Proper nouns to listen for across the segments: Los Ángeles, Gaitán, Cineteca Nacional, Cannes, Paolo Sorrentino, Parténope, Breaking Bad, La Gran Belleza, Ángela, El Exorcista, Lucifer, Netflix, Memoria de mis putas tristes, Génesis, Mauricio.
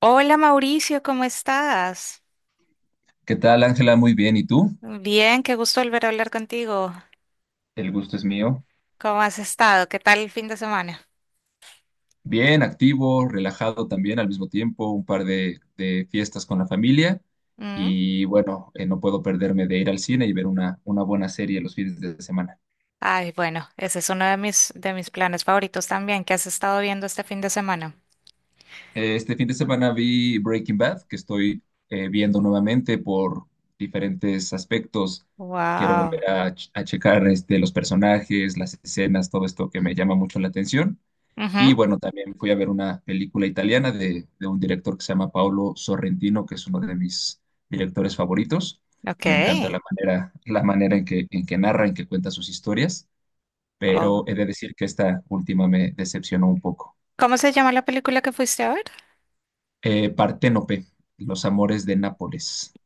Hola Mauricio, ¿cómo estás? ¿Qué tal, Ángela? Muy bien. ¿Y tú? Bien, qué gusto volver a hablar contigo. El gusto es mío. ¿Cómo has estado? ¿Qué tal el fin de semana? Bien, activo, relajado también al mismo tiempo, un par de fiestas con la familia ¿Mm? y bueno, no puedo perderme de ir al cine y ver una buena serie los fines de semana. Ay, bueno, ese es uno de mis planes favoritos también. ¿Qué has estado viendo este fin de semana? Este fin de semana vi Breaking Bad, que estoy viendo nuevamente por diferentes aspectos. Quiero Wow. A checar este, los personajes, las escenas, todo esto que me llama mucho la atención. Y Ujú. bueno, también fui a ver una película italiana de un director que se llama Paolo Sorrentino, que es uno de mis directores favoritos. Ok. Me encanta la manera en que narra, en que cuenta sus historias, pero Oh. he de decir que esta última me decepcionó un poco. ¿Cómo se llama la película que fuiste a ver? Parténope, Los amores de Nápoles.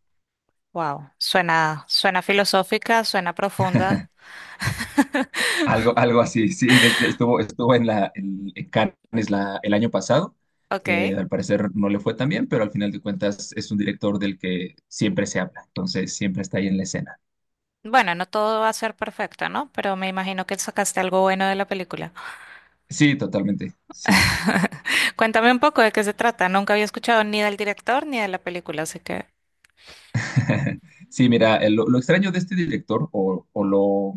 Wow. Suena, suena filosófica, suena profunda. Algo así, sí, estuvo en Cannes el año pasado. Ok. Al parecer no le fue tan bien, pero al final de cuentas es un director del que siempre se habla, entonces siempre está ahí en la escena. Bueno, no todo va a ser perfecto, ¿no? Pero me imagino que sacaste algo bueno de la película. Sí, totalmente, sí. Cuéntame un poco de qué se trata. Nunca había escuchado ni del director ni de la película, así que... Sí, mira, lo extraño de este director, o lo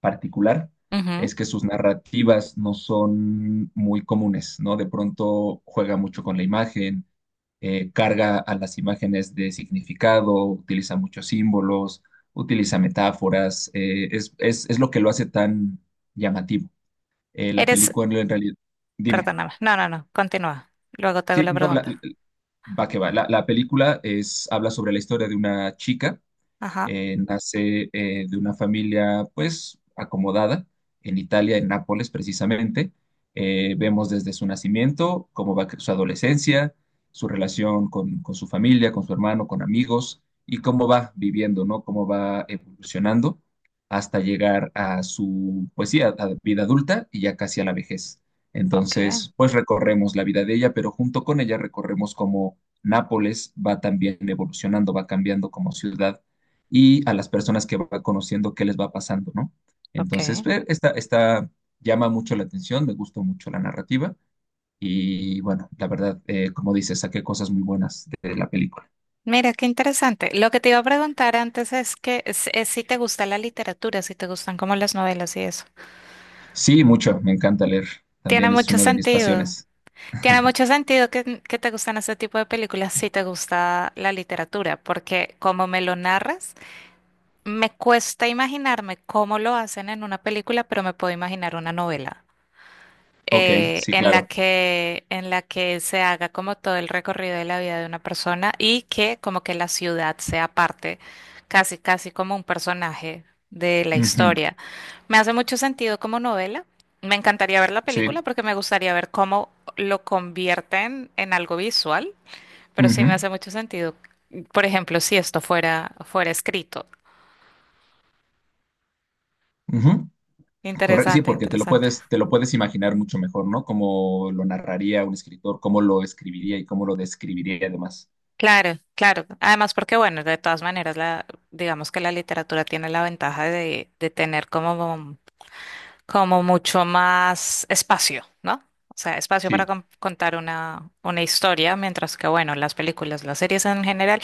particular Ujú. es que sus narrativas no son muy comunes, ¿no? De pronto juega mucho con la imagen, carga a las imágenes de significado, utiliza muchos símbolos, utiliza metáforas, es lo que lo hace tan llamativo. La Eres... película en realidad, dime, Perdóname. No, no, no. Continúa. Luego te hago sí, la no, la- pregunta. va que va, la película es, habla sobre la historia de una chica Ajá. Nace de una familia pues acomodada en Italia, en Nápoles precisamente. Vemos desde su nacimiento cómo su adolescencia, su relación con su familia, con su hermano, con amigos y cómo va viviendo, ¿no? Cómo va evolucionando hasta llegar a su, pues sí, a vida adulta y ya casi a la vejez. Ok, Entonces, pues recorremos la vida de ella, pero junto con ella recorremos cómo Nápoles va también evolucionando, va cambiando como ciudad y a las personas que va conociendo qué les va pasando, ¿no? Entonces, ok. Esta llama mucho la atención, me gustó mucho la narrativa y bueno, la verdad, como dices, saqué cosas muy buenas de la película. Mira, qué interesante. Lo que te iba a preguntar antes es que es si te gusta la literatura, si te gustan como las novelas y eso. Sí, mucho, me encanta leer, Tiene también es mucho una de mis sentido. pasiones. Tiene mucho sentido que te gustan este tipo de películas si te gusta la literatura, porque como me lo narras... Me cuesta imaginarme cómo lo hacen en una película, pero me puedo imaginar una novela Ok, sí, en la claro. Que se haga como todo el recorrido de la vida de una persona y que como que la ciudad sea parte, casi, casi como un personaje de la Ujú. historia. Me hace mucho sentido como novela. Me encantaría ver la película Sí. porque me gustaría ver cómo lo convierten en algo visual, pero sí Ujú, me hace mucho sentido. Por ejemplo, si esto fuera escrito. ujú. Sí, Interesante, porque interesante. Te lo puedes imaginar mucho mejor, ¿no? Cómo lo narraría un escritor, cómo lo escribiría y cómo lo describiría además. Claro, claro. Además, porque bueno, de todas maneras, la, digamos que la literatura tiene la ventaja de tener como, como mucho más espacio, ¿no? O sea, espacio para Sí, contar una historia, mientras que bueno, las películas, las series en general.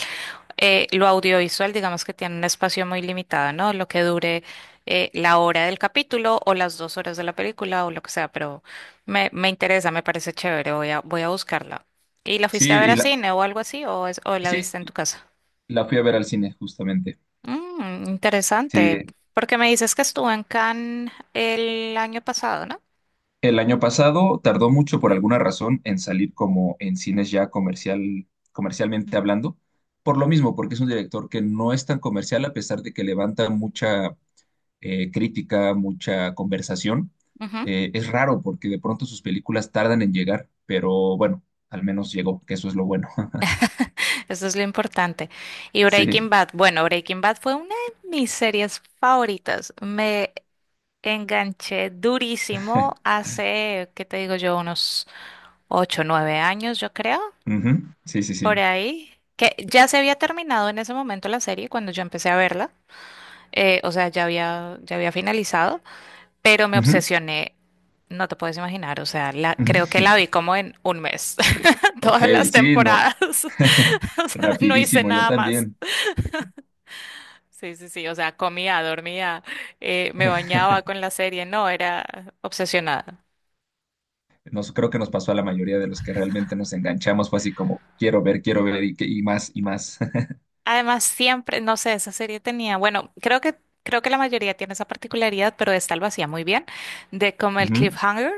Lo audiovisual, digamos que tiene un espacio muy limitado, ¿no? Lo que dure la hora del capítulo o las dos horas de la película o lo que sea, pero me interesa, me parece chévere, voy a buscarla. ¿Y la sí, fuiste a ver a cine o algo así o, o la sí, viste en tu casa? la fui a ver al cine, justamente. Mm, interesante, Sí. porque me dices que estuvo en Cannes el año pasado, ¿no? El año pasado tardó mucho por alguna razón en salir como en cines ya comercial, comercialmente hablando, por lo mismo, porque es un director que no es tan comercial a pesar de que levanta mucha crítica, mucha conversación. Ujú. Es raro porque de pronto sus películas tardan en llegar, pero bueno, al menos llegó, que eso es lo bueno. Eso es lo importante. Y Sí. Breaking Bad, bueno, Breaking Bad fue una de mis series favoritas. Me enganché durísimo hace, ¿qué te digo yo? Unos 8, 9 años, yo creo, Ujú. Sí, sí, por sí. ahí. Que ya se había terminado en ese momento la serie cuando yo empecé a verla. O sea, ya había finalizado, pero me Ujú. obsesioné. No te puedes imaginar, o sea, la, creo que la vi como en un mes, Ok, todas las sí, no. temporadas. O sea, no hice Rapidísimo, yo nada más. también. Sí, sí, sí, o sea, comía, dormía, me bañaba con la serie, no, era obsesionada. Nos, creo que nos pasó a la mayoría de los que realmente nos enganchamos, fue así como, quiero ver y, y más y más. Además, siempre, no sé, esa serie tenía, bueno, creo que la mayoría tiene esa particularidad, pero esta lo hacía muy bien, de como el Ujú. cliffhanger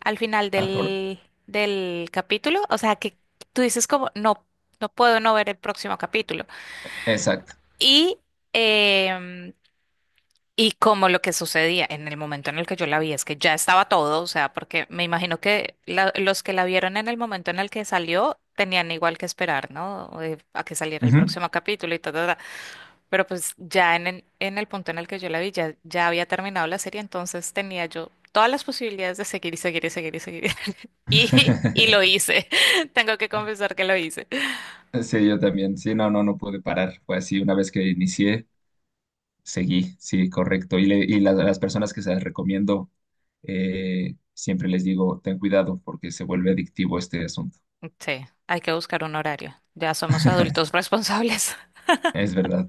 al final Ah, cor- del, del capítulo, o sea, que tú dices como, no, no puedo no ver el próximo capítulo. Exacto. Y, em, y como lo que sucedía en el momento en el que yo la vi es que ya estaba todo, o sea, porque me imagino que los que la vieron en el momento en el que salió tenían igual que esperar, ¿no? A que saliera el Ujú. próximo capítulo y todo. Pero pues ya en el punto en el que yo la vi, ya, ya había terminado la serie, entonces tenía yo todas las posibilidades de seguir y seguir y seguir y seguir. Y, y lo hice. Tengo que confesar que lo hice. Sí, yo también. Sí, no, no, no pude parar. Fue así, una vez que inicié, seguí, sí, correcto. Y, las personas que se las recomiendo, siempre les digo, ten cuidado porque se vuelve adictivo este asunto. Sí, hay que buscar un horario. Ya somos adultos responsables. Es verdad.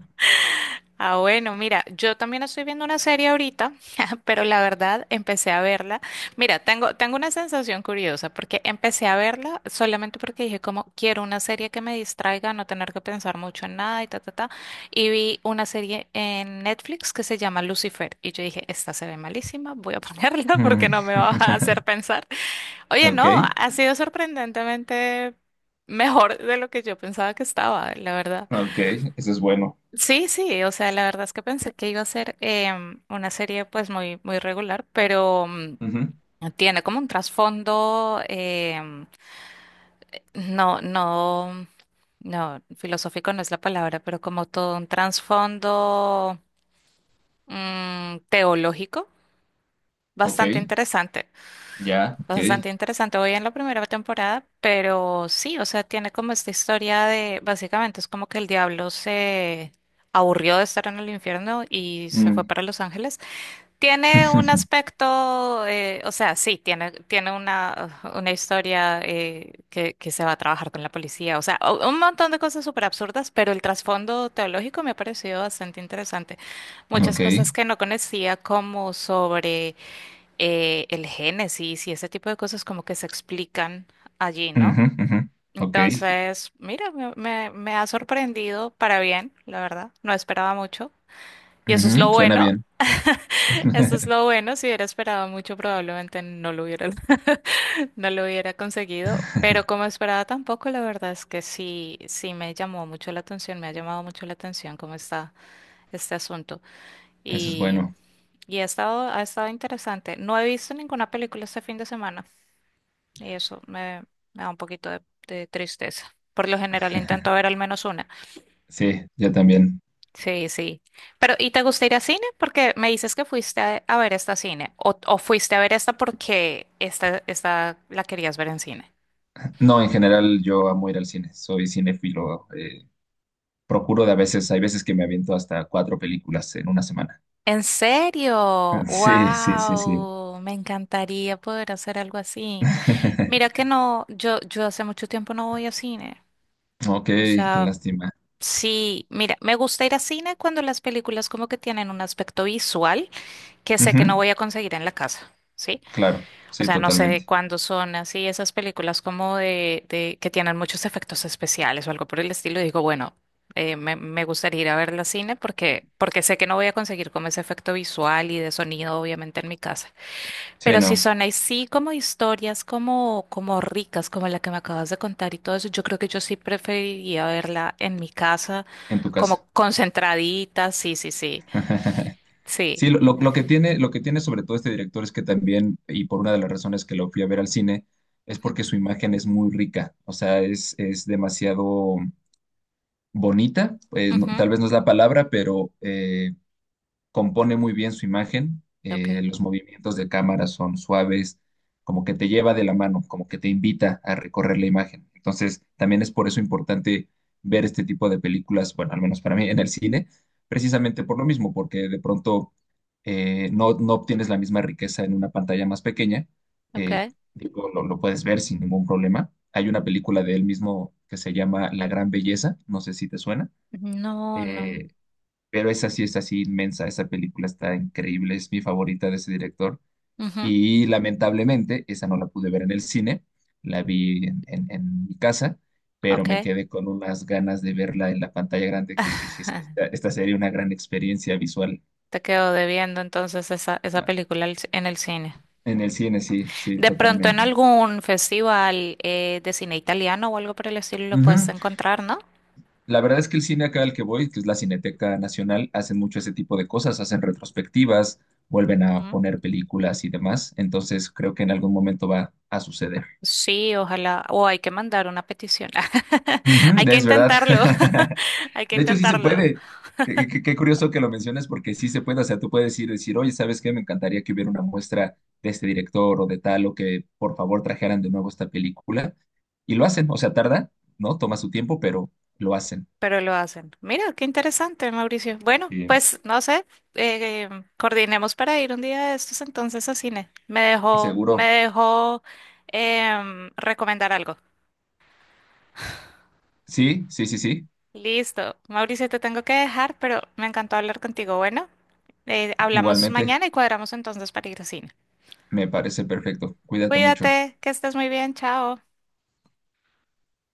Ah, bueno, mira, yo también estoy viendo una serie ahorita, pero la verdad empecé a verla. Mira, tengo, tengo una sensación curiosa porque empecé a verla solamente porque dije como quiero una serie que me distraiga, no tener que pensar mucho en nada y ta, ta, ta. Y vi una serie en Netflix que se llama Lucifer y yo dije, esta se ve malísima, voy a ponerla Mm. porque no me va a hacer pensar. Oye, Ok, no, ha sido sorprendentemente mejor de lo que yo pensaba que estaba, la verdad. ok, eso es bueno. Sí, sí, o sea, la verdad es que pensé que iba a ser una serie pues muy, muy regular, pero mm, Ujú. tiene como un trasfondo, no, no, no, filosófico no es la palabra, pero como todo un trasfondo mm, teológico, Ok, bastante interesante, ya, ok. bastante interesante. Voy en la primera temporada, pero sí, o sea, tiene como esta historia de, básicamente es como que el diablo se aburrió de estar en el infierno y se fue Mm. para Los Ángeles. Tiene un aspecto, o sea, sí, tiene, tiene una historia que se va a trabajar con la policía, o sea, un montón de cosas súper absurdas, pero el trasfondo teológico me ha parecido bastante interesante. Muchas Ok. cosas que no conocía, como sobre el Génesis y ese tipo de cosas como que se explican allí, ¿no? Ujú, ujú. Ok. Entonces, mira, me ha sorprendido para bien, la verdad, no esperaba mucho. Y eso es Ujú. lo Suena bueno. bien. Eso es lo bueno, si hubiera esperado mucho probablemente no lo hubiera, no lo hubiera conseguido, pero como esperaba tampoco, la verdad es que sí, sí me llamó mucho la atención, me ha llamado mucho la atención cómo está este asunto Eso es y, bueno. y ha estado interesante. No he visto ninguna película este fin de semana y me da un poquito de tristeza. Por lo general intento ver al menos una. Sí, yo también. Sí, sí. Pero, ¿y te gusta ir a cine? Porque me dices que fuiste a ver esta cine. O fuiste a ver esta porque esta la querías ver en cine. No, en general yo amo ir al cine. Soy cinéfilo. Procuro de a veces, hay veces que me aviento hasta cuatro películas en una semana. ¿En serio? Sí, sí, sí, sí. ¡Wow! Me encantaría poder hacer algo así. Mira que no, yo hace mucho tiempo no voy a cine. Ok, O qué sea, lástima. sí, mira, me gusta ir a cine cuando las películas como que tienen un aspecto visual que sé que no Ujú. voy a conseguir en la casa. ¿Sí? Claro, O sí, sea, no sé de totalmente. cuándo son así esas películas como de que tienen muchos efectos especiales o algo por el estilo. Y digo, bueno, me gustaría ir a ver la cine porque, porque sé que no voy a conseguir como ese efecto visual y de sonido, obviamente, en mi casa. Sí, Pero si no, son así como historias como, como ricas, como la que me acabas de contar y todo eso, yo creo que yo sí preferiría verla en mi casa, en tu casa. como concentradita. Sí, sí, sí. Sí. Sí, lo que tiene sobre todo este director es que también, y por una de las razones que lo fui a ver al cine, es Ujú, porque su imagen es muy rica, o sea, es demasiado bonita, pues, no ujú. tal vez no es la palabra, pero compone muy bien su imagen, Ok, los movimientos de cámara son suaves, como que te lleva de la mano, como que te invita a recorrer la imagen. Entonces, también es por eso importante ver este tipo de películas, bueno, al menos para mí, en el cine, precisamente por lo mismo, porque de pronto no obtienes la misma riqueza en una pantalla más pequeña, eh, ok. digo, lo puedes ver sin ningún problema. Hay una película de él mismo que se llama La Gran Belleza, no sé si te suena. No, no. Eh, pero esa sí es así inmensa, esa película está increíble, es mi favorita de ese director. Ujú. Y lamentablemente, esa no la pude ver en el cine, la vi en mi casa, pero me Okay. quedé con unas ganas de verla en la pantalla grande que dije, es que esta sería una gran experiencia visual. Te quedo debiendo entonces esa ¿No? película al en el cine. En el cine, sí, sí, De pronto en totalmente. algún festival de cine italiano o algo por el estilo lo puedes Ujú. encontrar, ¿no? La verdad es que el cine acá al que voy, que es la Cineteca Nacional, hacen mucho ese tipo de cosas, hacen retrospectivas, vuelven a Ujú. poner películas y demás, entonces creo que en algún momento va a suceder. Sí, ojalá. O hay que mandar una petición. Ujú, Hay que es verdad. intentarlo. Hay que De hecho, sí se intentarlo. puede. Qué curioso que lo menciones porque sí se puede. O sea, tú puedes ir y decir, oye, ¿sabes qué? Me encantaría que hubiera una muestra de este director o de tal, o que por favor trajeran de nuevo esta película. Y lo hacen. O sea, tarda, ¿no? Toma su tiempo, pero lo hacen. Pero lo hacen. Mira, qué interesante, Mauricio. Bueno, Y pues no sé. eh, Coordinemos para ir un día de estos entonces a cine. Me seguro. dejó recomendar algo. Sí, sí, sí, sí. Listo. Mauricio, te tengo que dejar, pero me encantó hablar contigo. Bueno, hablamos Igualmente, mañana y cuadramos entonces para ir al cine. me parece perfecto. Cuídate mucho. Cuídate, que estés muy bien. Chao.